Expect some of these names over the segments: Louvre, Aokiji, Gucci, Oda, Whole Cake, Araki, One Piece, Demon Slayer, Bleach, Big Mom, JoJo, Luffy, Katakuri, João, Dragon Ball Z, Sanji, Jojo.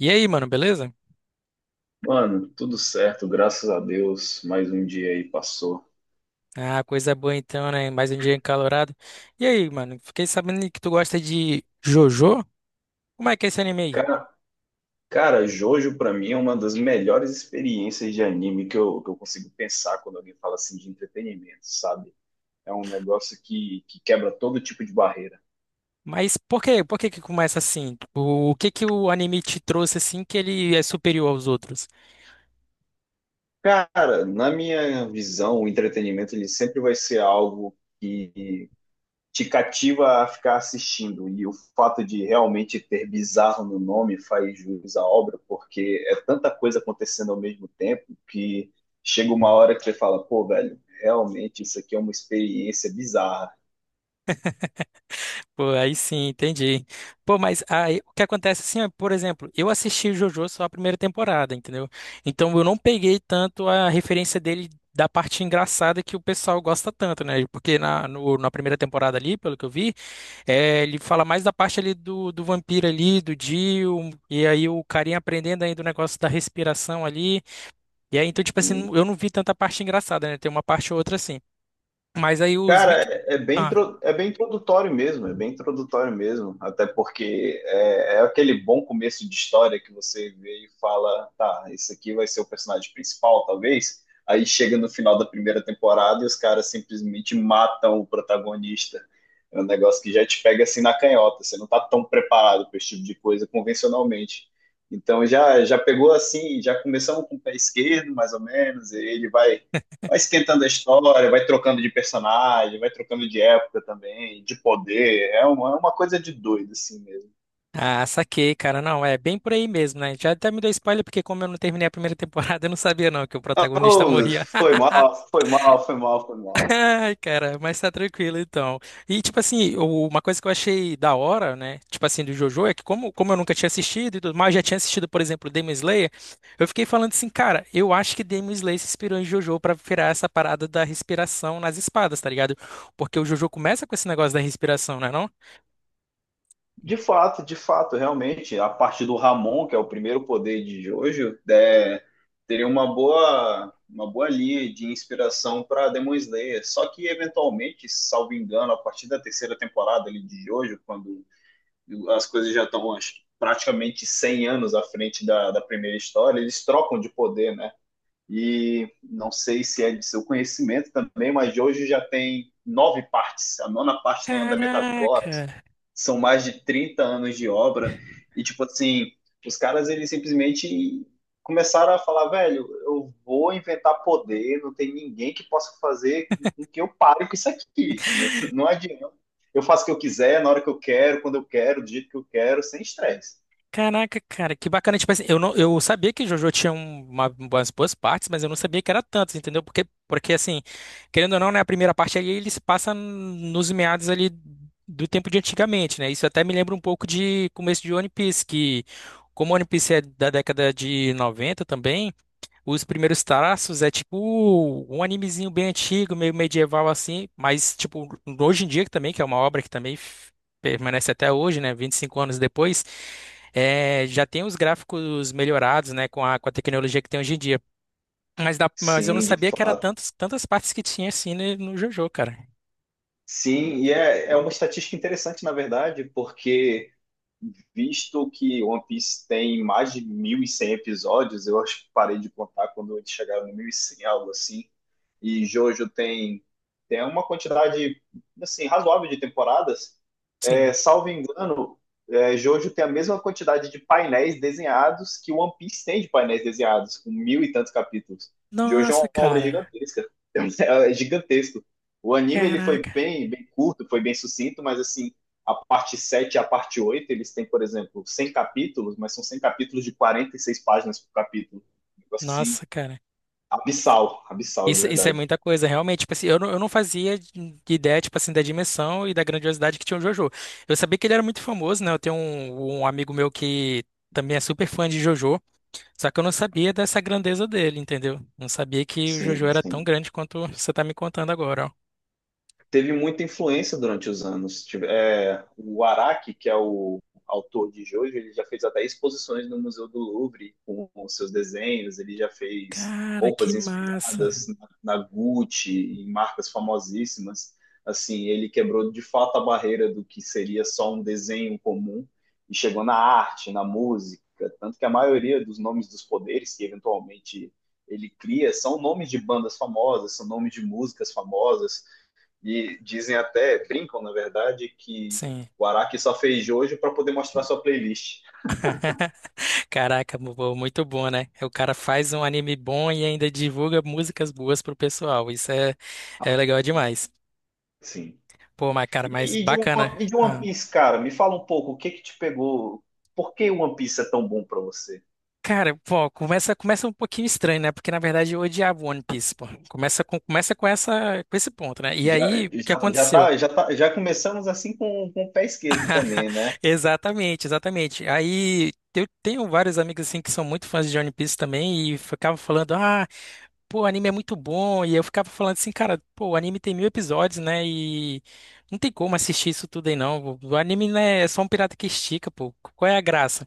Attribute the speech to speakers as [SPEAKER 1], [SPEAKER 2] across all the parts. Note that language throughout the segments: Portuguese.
[SPEAKER 1] E aí, mano, beleza?
[SPEAKER 2] Mano, tudo certo, graças a Deus. Mais um dia aí passou.
[SPEAKER 1] Ah, coisa boa então, né? Mais um dia encalorado. E aí, mano, fiquei sabendo que tu gosta de JoJo? Como é que é esse anime aí?
[SPEAKER 2] Cara, cara, Jojo pra mim é uma das melhores experiências de anime que eu consigo pensar quando alguém fala assim de entretenimento, sabe? É um negócio que quebra todo tipo de barreira.
[SPEAKER 1] Mas por quê? Por que que começa assim? O que que o anime te trouxe assim que ele é superior aos outros?
[SPEAKER 2] Cara, na minha visão, o entretenimento ele sempre vai ser algo que te cativa a ficar assistindo. E o fato de realmente ter bizarro no nome faz jus à obra, porque é tanta coisa acontecendo ao mesmo tempo que chega uma hora que você fala, pô, velho, realmente isso aqui é uma experiência bizarra.
[SPEAKER 1] Pô, aí sim, entendi. Pô, mas aí, o que acontece assim, ó, por exemplo, eu assisti o JoJo só a primeira temporada, entendeu? Então eu não peguei tanto a referência dele da parte engraçada que o pessoal gosta tanto, né? Porque na, no- na primeira temporada ali, pelo que eu vi, é, ele fala mais da parte ali do vampiro ali, do Dio, e aí o carinha aprendendo ainda o negócio da respiração ali. E aí, então, tipo assim,
[SPEAKER 2] Assim,
[SPEAKER 1] eu não vi tanta parte engraçada, né? Tem uma parte ou outra assim. Mas aí os
[SPEAKER 2] cara,
[SPEAKER 1] vídeos.
[SPEAKER 2] é bem,
[SPEAKER 1] Ah,
[SPEAKER 2] é bem introdutório mesmo, é bem introdutório mesmo, até porque é aquele bom começo de história que você vê e fala, tá, esse aqui vai ser o personagem principal, talvez. Aí chega no final da primeira temporada e os caras simplesmente matam o protagonista. É um negócio que já te pega assim na canhota, você não tá tão preparado para esse tipo de coisa convencionalmente. Então já pegou assim, já começamos com o pé esquerdo, mais ou menos, e ele vai esquentando a história, vai trocando de personagem, vai trocando de época também, de poder. É uma coisa de doido, assim mesmo.
[SPEAKER 1] ah, saquei, cara. Não, é bem por aí mesmo, né? Já até me deu spoiler, porque como eu não terminei a primeira temporada, eu não sabia não que o protagonista
[SPEAKER 2] Oh,
[SPEAKER 1] morria.
[SPEAKER 2] foi mal, foi mal, foi mal, foi mal.
[SPEAKER 1] Ai, cara, mas tá tranquilo então. E, tipo assim, uma coisa que eu achei da hora, né? Tipo assim, do JoJo, é que como eu nunca tinha assistido e tudo mais, já tinha assistido, por exemplo, Demon Slayer, eu fiquei falando assim, cara, eu acho que Demon Slayer se inspirou em JoJo pra virar essa parada da respiração nas espadas, tá ligado? Porque o JoJo começa com esse negócio da respiração, né, não?
[SPEAKER 2] De fato, realmente, a parte do Ramon, que é o primeiro poder de Jojo, teria uma boa linha de inspiração para Demon Slayer. Só que, eventualmente, salvo engano, a partir da terceira temporada ali, de Jojo, quando as coisas já estão acho, praticamente 100 anos à frente da primeira história, eles trocam de poder, né? E não sei se é de seu conhecimento também, mas de hoje já tem nove partes. A nona parte tem andamento agora.
[SPEAKER 1] Caraca!
[SPEAKER 2] São mais de 30 anos de obra. E, tipo assim, os caras, eles simplesmente começaram a falar, velho, eu vou inventar poder, não tem ninguém que possa fazer com que eu pare com isso aqui. Não adianta. Eu faço o que eu quiser, na hora que eu quero, quando eu quero, do jeito que eu quero, sem estresse.
[SPEAKER 1] Caraca, cara, que bacana. Tipo assim, eu não, eu sabia que JoJo tinha umas boas partes, mas eu não sabia que era tantas, entendeu? Porque assim, querendo ou não, né, a primeira parte ali ele se passa nos meados ali do tempo de antigamente, né? Isso até me lembra um pouco de começo de One Piece, que como One Piece é da década de 90 também, os primeiros traços é tipo um animezinho bem antigo, meio medieval assim, mas tipo, hoje em dia também, que é uma obra que também permanece até hoje, né, 25 anos depois, é, já tem os gráficos melhorados, né, com a, tecnologia que tem hoje em dia. Mas eu não
[SPEAKER 2] Sim, de
[SPEAKER 1] sabia que era
[SPEAKER 2] fato.
[SPEAKER 1] tantas partes que tinha assim no JoJo, cara.
[SPEAKER 2] Sim, e é uma estatística interessante, na verdade, porque visto que One Piece tem mais de 1.100 episódios, eu acho que parei de contar quando eles chegaram no 1.100 algo assim, e Jojo tem, tem uma quantidade, assim, razoável de temporadas,
[SPEAKER 1] Sim.
[SPEAKER 2] salvo engano, Jojo tem a mesma quantidade de painéis desenhados que One Piece tem de painéis desenhados, com mil e tantos capítulos. Jojo é
[SPEAKER 1] Nossa,
[SPEAKER 2] uma obra
[SPEAKER 1] cara.
[SPEAKER 2] gigantesca, é gigantesco. O anime ele foi
[SPEAKER 1] Caraca.
[SPEAKER 2] bem, bem curto, foi bem sucinto, mas assim, a parte 7, e a parte 8, eles têm, por exemplo, 100 capítulos, mas são 100 capítulos de 46 páginas por capítulo. Um negócio assim,
[SPEAKER 1] Nossa, cara.
[SPEAKER 2] abissal, abissal de
[SPEAKER 1] Isso é
[SPEAKER 2] verdade.
[SPEAKER 1] muita coisa, realmente. Tipo assim, eu não fazia de ideia, tipo assim, da dimensão e da grandiosidade que tinha o JoJo. Eu sabia que ele era muito famoso, né? Eu tenho um amigo meu que também é super fã de JoJo, só que eu não sabia dessa grandeza dele, entendeu? Não sabia que o JoJo
[SPEAKER 2] Sim,
[SPEAKER 1] era tão
[SPEAKER 2] sim.
[SPEAKER 1] grande quanto você tá me contando agora, ó.
[SPEAKER 2] Teve muita influência durante os anos. O Araki, que é o autor de Jojo, ele já fez até exposições no Museu do Louvre com seus desenhos, ele já fez
[SPEAKER 1] Cara, que
[SPEAKER 2] roupas
[SPEAKER 1] massa.
[SPEAKER 2] inspiradas na Gucci, em marcas famosíssimas. Assim, ele quebrou de fato a barreira do que seria só um desenho comum e chegou na arte, na música, tanto que a maioria dos nomes dos poderes que eventualmente ele cria são nomes de bandas famosas, são nomes de músicas famosas, e dizem até, brincam na verdade, que
[SPEAKER 1] Sim.
[SPEAKER 2] o Araki só fez hoje para poder mostrar sua playlist.
[SPEAKER 1] Caraca, pô, muito bom, né? É, o cara faz um anime bom e ainda divulga músicas boas pro pessoal. Isso é legal demais.
[SPEAKER 2] Sim.
[SPEAKER 1] Pô, mas cara, mas
[SPEAKER 2] E, e de uma,
[SPEAKER 1] bacana.
[SPEAKER 2] e de One
[SPEAKER 1] Ah,
[SPEAKER 2] Piece, cara, me fala um pouco o que que te pegou? Por que One Piece é tão bom para você?
[SPEAKER 1] cara, pô, começa um pouquinho estranho, né? Porque na verdade eu odiava One Piece, pô. Começa com esse ponto, né? E
[SPEAKER 2] Já,
[SPEAKER 1] aí, o que
[SPEAKER 2] já, já,
[SPEAKER 1] aconteceu?
[SPEAKER 2] tá, já, tá, já começamos assim com, o pé esquerdo também, né?
[SPEAKER 1] Exatamente, exatamente. Aí eu tenho vários amigos assim que são muito fãs de One Piece também e ficavam falando, ah. Pô, o anime é muito bom. E eu ficava falando assim, cara, pô, o anime tem 1.000 episódios, né? E não tem como assistir isso tudo aí, não. O anime, né, é só um pirata que estica, pô. Qual é a graça?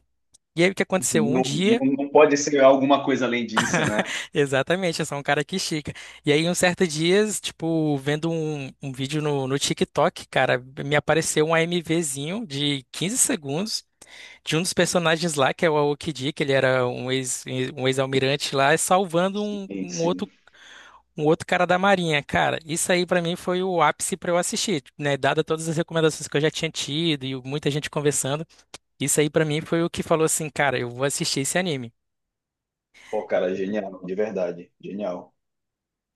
[SPEAKER 1] E aí o que aconteceu? Um
[SPEAKER 2] Não,
[SPEAKER 1] dia,
[SPEAKER 2] não, não pode ser alguma coisa além disso, né?
[SPEAKER 1] Exatamente, é só um cara que estica. E aí, um certo dia, tipo, vendo um, vídeo no TikTok, cara, me apareceu um AMVzinho de 15 segundos de um dos personagens lá, que é o Aokiji, que ele era um ex, um ex-almirante lá, salvando um,
[SPEAKER 2] Sim,
[SPEAKER 1] um outro
[SPEAKER 2] sim.
[SPEAKER 1] um outro cara da Marinha. Cara, isso aí pra mim foi o ápice pra eu assistir, né? Dada todas as recomendações que eu já tinha tido e muita gente conversando, isso aí pra mim foi o que falou assim, cara, eu vou assistir esse anime.
[SPEAKER 2] Pô, cara, genial, de verdade, genial.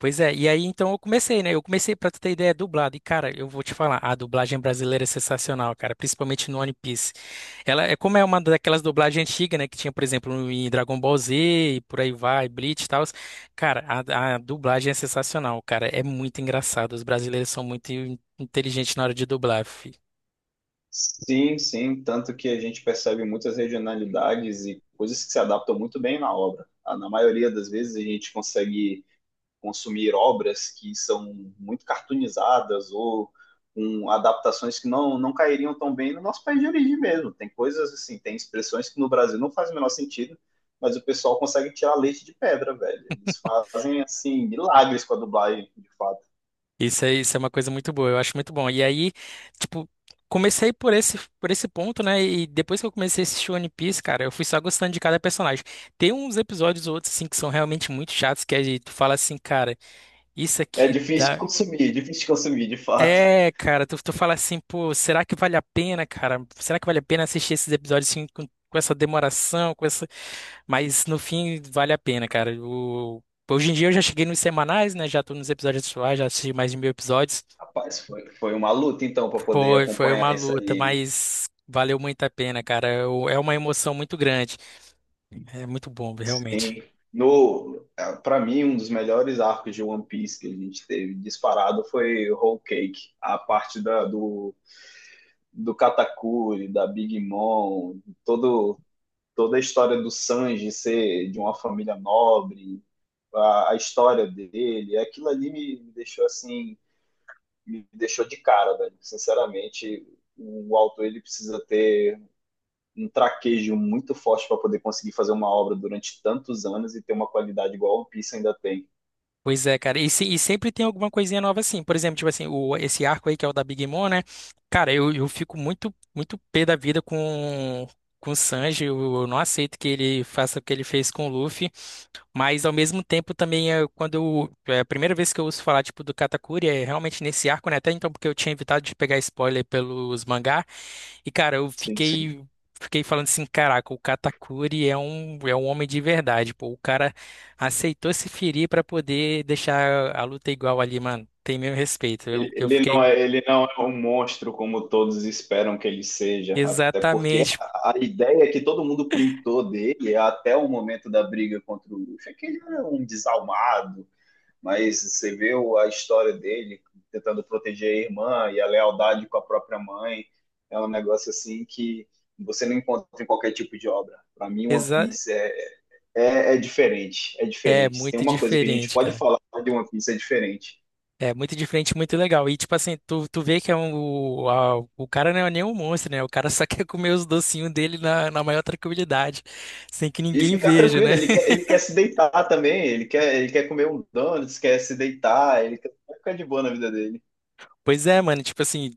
[SPEAKER 1] Pois é, e aí então eu comecei, né? Eu comecei, pra tu ter ideia, dublado. E cara, eu vou te falar, a dublagem brasileira é sensacional, cara, principalmente no One Piece. Ela é como é uma daquelas dublagens antigas, né? Que tinha, por exemplo, em Dragon Ball Z e por aí vai, Bleach e tal. Cara, a, dublagem é sensacional, cara. É muito engraçado. Os brasileiros são muito inteligentes na hora de dublar, fi.
[SPEAKER 2] Sim, sim, tanto que a gente percebe muitas regionalidades e coisas que se adaptam muito bem na obra. Ah, na maioria das vezes a gente consegue consumir obras que são muito cartoonizadas ou com adaptações que não, não cairiam tão bem no nosso país de origem mesmo. Tem coisas assim, tem expressões que no Brasil não faz o menor sentido, mas o pessoal consegue tirar leite de pedra, velho. Eles fazem assim milagres com a dublagem, de fato.
[SPEAKER 1] Isso é uma coisa muito boa, eu acho muito bom. E aí, tipo, comecei por esse ponto, né? E depois que eu comecei a assistir One Piece, cara, eu fui só gostando de cada personagem. Tem uns episódios ou outros, assim, que são realmente muito chatos, que aí tu fala assim, cara, isso
[SPEAKER 2] É
[SPEAKER 1] aqui
[SPEAKER 2] difícil de
[SPEAKER 1] dá.
[SPEAKER 2] consumir, é difícil de consumir, de fato.
[SPEAKER 1] É, cara, tu, fala assim, pô, será que vale a pena, cara? Será que vale a pena assistir esses episódios assim, com essa demoração, com essa. Mas no fim, vale a pena, cara. Hoje em dia eu já cheguei nos semanais, né? Já tô nos episódios atuais, já assisti mais de 1.000 episódios.
[SPEAKER 2] Rapaz, foi uma luta então para poder
[SPEAKER 1] Foi uma
[SPEAKER 2] acompanhar isso
[SPEAKER 1] luta,
[SPEAKER 2] aí, hein?
[SPEAKER 1] mas valeu muito a pena, cara. É uma emoção muito grande. É muito bom, realmente.
[SPEAKER 2] Sim. No, para mim, um dos melhores arcos de One Piece que a gente teve disparado foi Whole Cake, a parte da, do, do Katakuri, da Big Mom, todo, toda a história do Sanji ser de uma família nobre, a história dele, aquilo ali me deixou assim, me deixou de cara, velho. Sinceramente, o autor ele precisa ter um traquejo muito forte para poder conseguir fazer uma obra durante tantos anos e ter uma qualidade igual a One Piece ainda tem.
[SPEAKER 1] Pois é, cara. E, se- e sempre tem alguma coisinha nova assim. Por exemplo, tipo assim, esse arco aí que é o da Big Mom, né? Cara, eu fico muito, muito pé da vida com o Sanji. Eu não aceito que ele faça o que ele fez com o Luffy. Mas ao mesmo tempo também é quando é a primeira vez que eu ouço falar tipo do Katakuri é realmente nesse arco, né? Até então porque eu tinha evitado de pegar spoiler pelos mangá e cara, eu
[SPEAKER 2] Sim, sim.
[SPEAKER 1] fiquei falando assim, caraca, o Katakuri é um homem de verdade, pô. O cara aceitou se ferir pra poder deixar a luta igual ali, mano. Tem meu respeito.
[SPEAKER 2] Ele,
[SPEAKER 1] Eu
[SPEAKER 2] ele não
[SPEAKER 1] fiquei
[SPEAKER 2] é, ele não é um monstro como todos esperam que ele seja, até porque
[SPEAKER 1] exatamente
[SPEAKER 2] a ideia que todo mundo pintou dele até o momento da briga contra o Luffy é que ele era um desalmado, mas você vê o- a história dele tentando proteger a irmã e a lealdade com a própria mãe. É um negócio assim que você não encontra em qualquer tipo de obra. Para mim, One
[SPEAKER 1] exa
[SPEAKER 2] Piece é diferente, é
[SPEAKER 1] é
[SPEAKER 2] diferente. Se tem
[SPEAKER 1] muito
[SPEAKER 2] uma coisa que a gente
[SPEAKER 1] diferente,
[SPEAKER 2] pode
[SPEAKER 1] cara.
[SPEAKER 2] falar de One Piece, é diferente.
[SPEAKER 1] É muito diferente, muito legal. E tipo assim, tu, vê que é um, o cara não é nem um monstro, né? O cara só quer comer os docinhos dele na maior tranquilidade, sem que
[SPEAKER 2] E
[SPEAKER 1] ninguém
[SPEAKER 2] ficar
[SPEAKER 1] veja,
[SPEAKER 2] tranquilo,
[SPEAKER 1] né?
[SPEAKER 2] ele quer se deitar também, ele quer comer um donuts, quer se deitar, ele quer ficar de boa na vida dele.
[SPEAKER 1] Pois é, mano, tipo assim,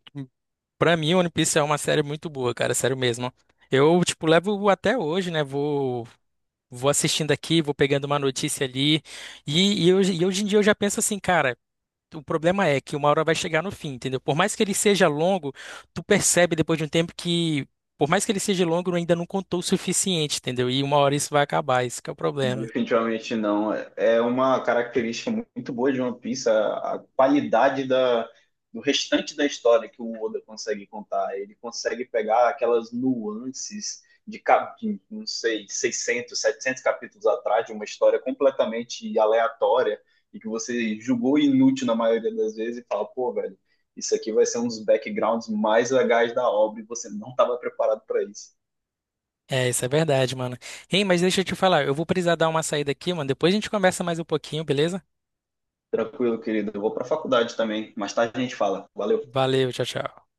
[SPEAKER 1] pra mim One Piece é uma série muito boa, cara, sério mesmo. Eu, tipo, levo até hoje, né? vou assistindo aqui, vou pegando uma notícia ali. E hoje em dia eu já penso assim, cara. O problema é que uma hora vai chegar no fim, entendeu? Por mais que ele seja longo, tu percebe depois de um tempo que, por mais que ele seja longo, ainda não contou o suficiente, entendeu? E uma hora isso vai acabar, isso que é o problema.
[SPEAKER 2] Definitivamente não. É uma característica muito boa de One Piece, a qualidade do restante da história que o Oda consegue contar. Ele consegue pegar aquelas nuances de, não sei, 600, 700 capítulos atrás, de uma história completamente aleatória e que você julgou inútil na maioria das vezes e fala, pô, velho, isso aqui vai ser um dos backgrounds mais legais da obra e você não estava preparado para isso.
[SPEAKER 1] É, isso é verdade, mano. Ei, mas deixa eu te falar, eu vou precisar dar uma saída aqui, mano. Depois a gente conversa mais um pouquinho, beleza?
[SPEAKER 2] Tranquilo, querido. Eu vou para a faculdade também. Mais tarde a gente fala. Valeu.
[SPEAKER 1] Valeu, tchau, tchau.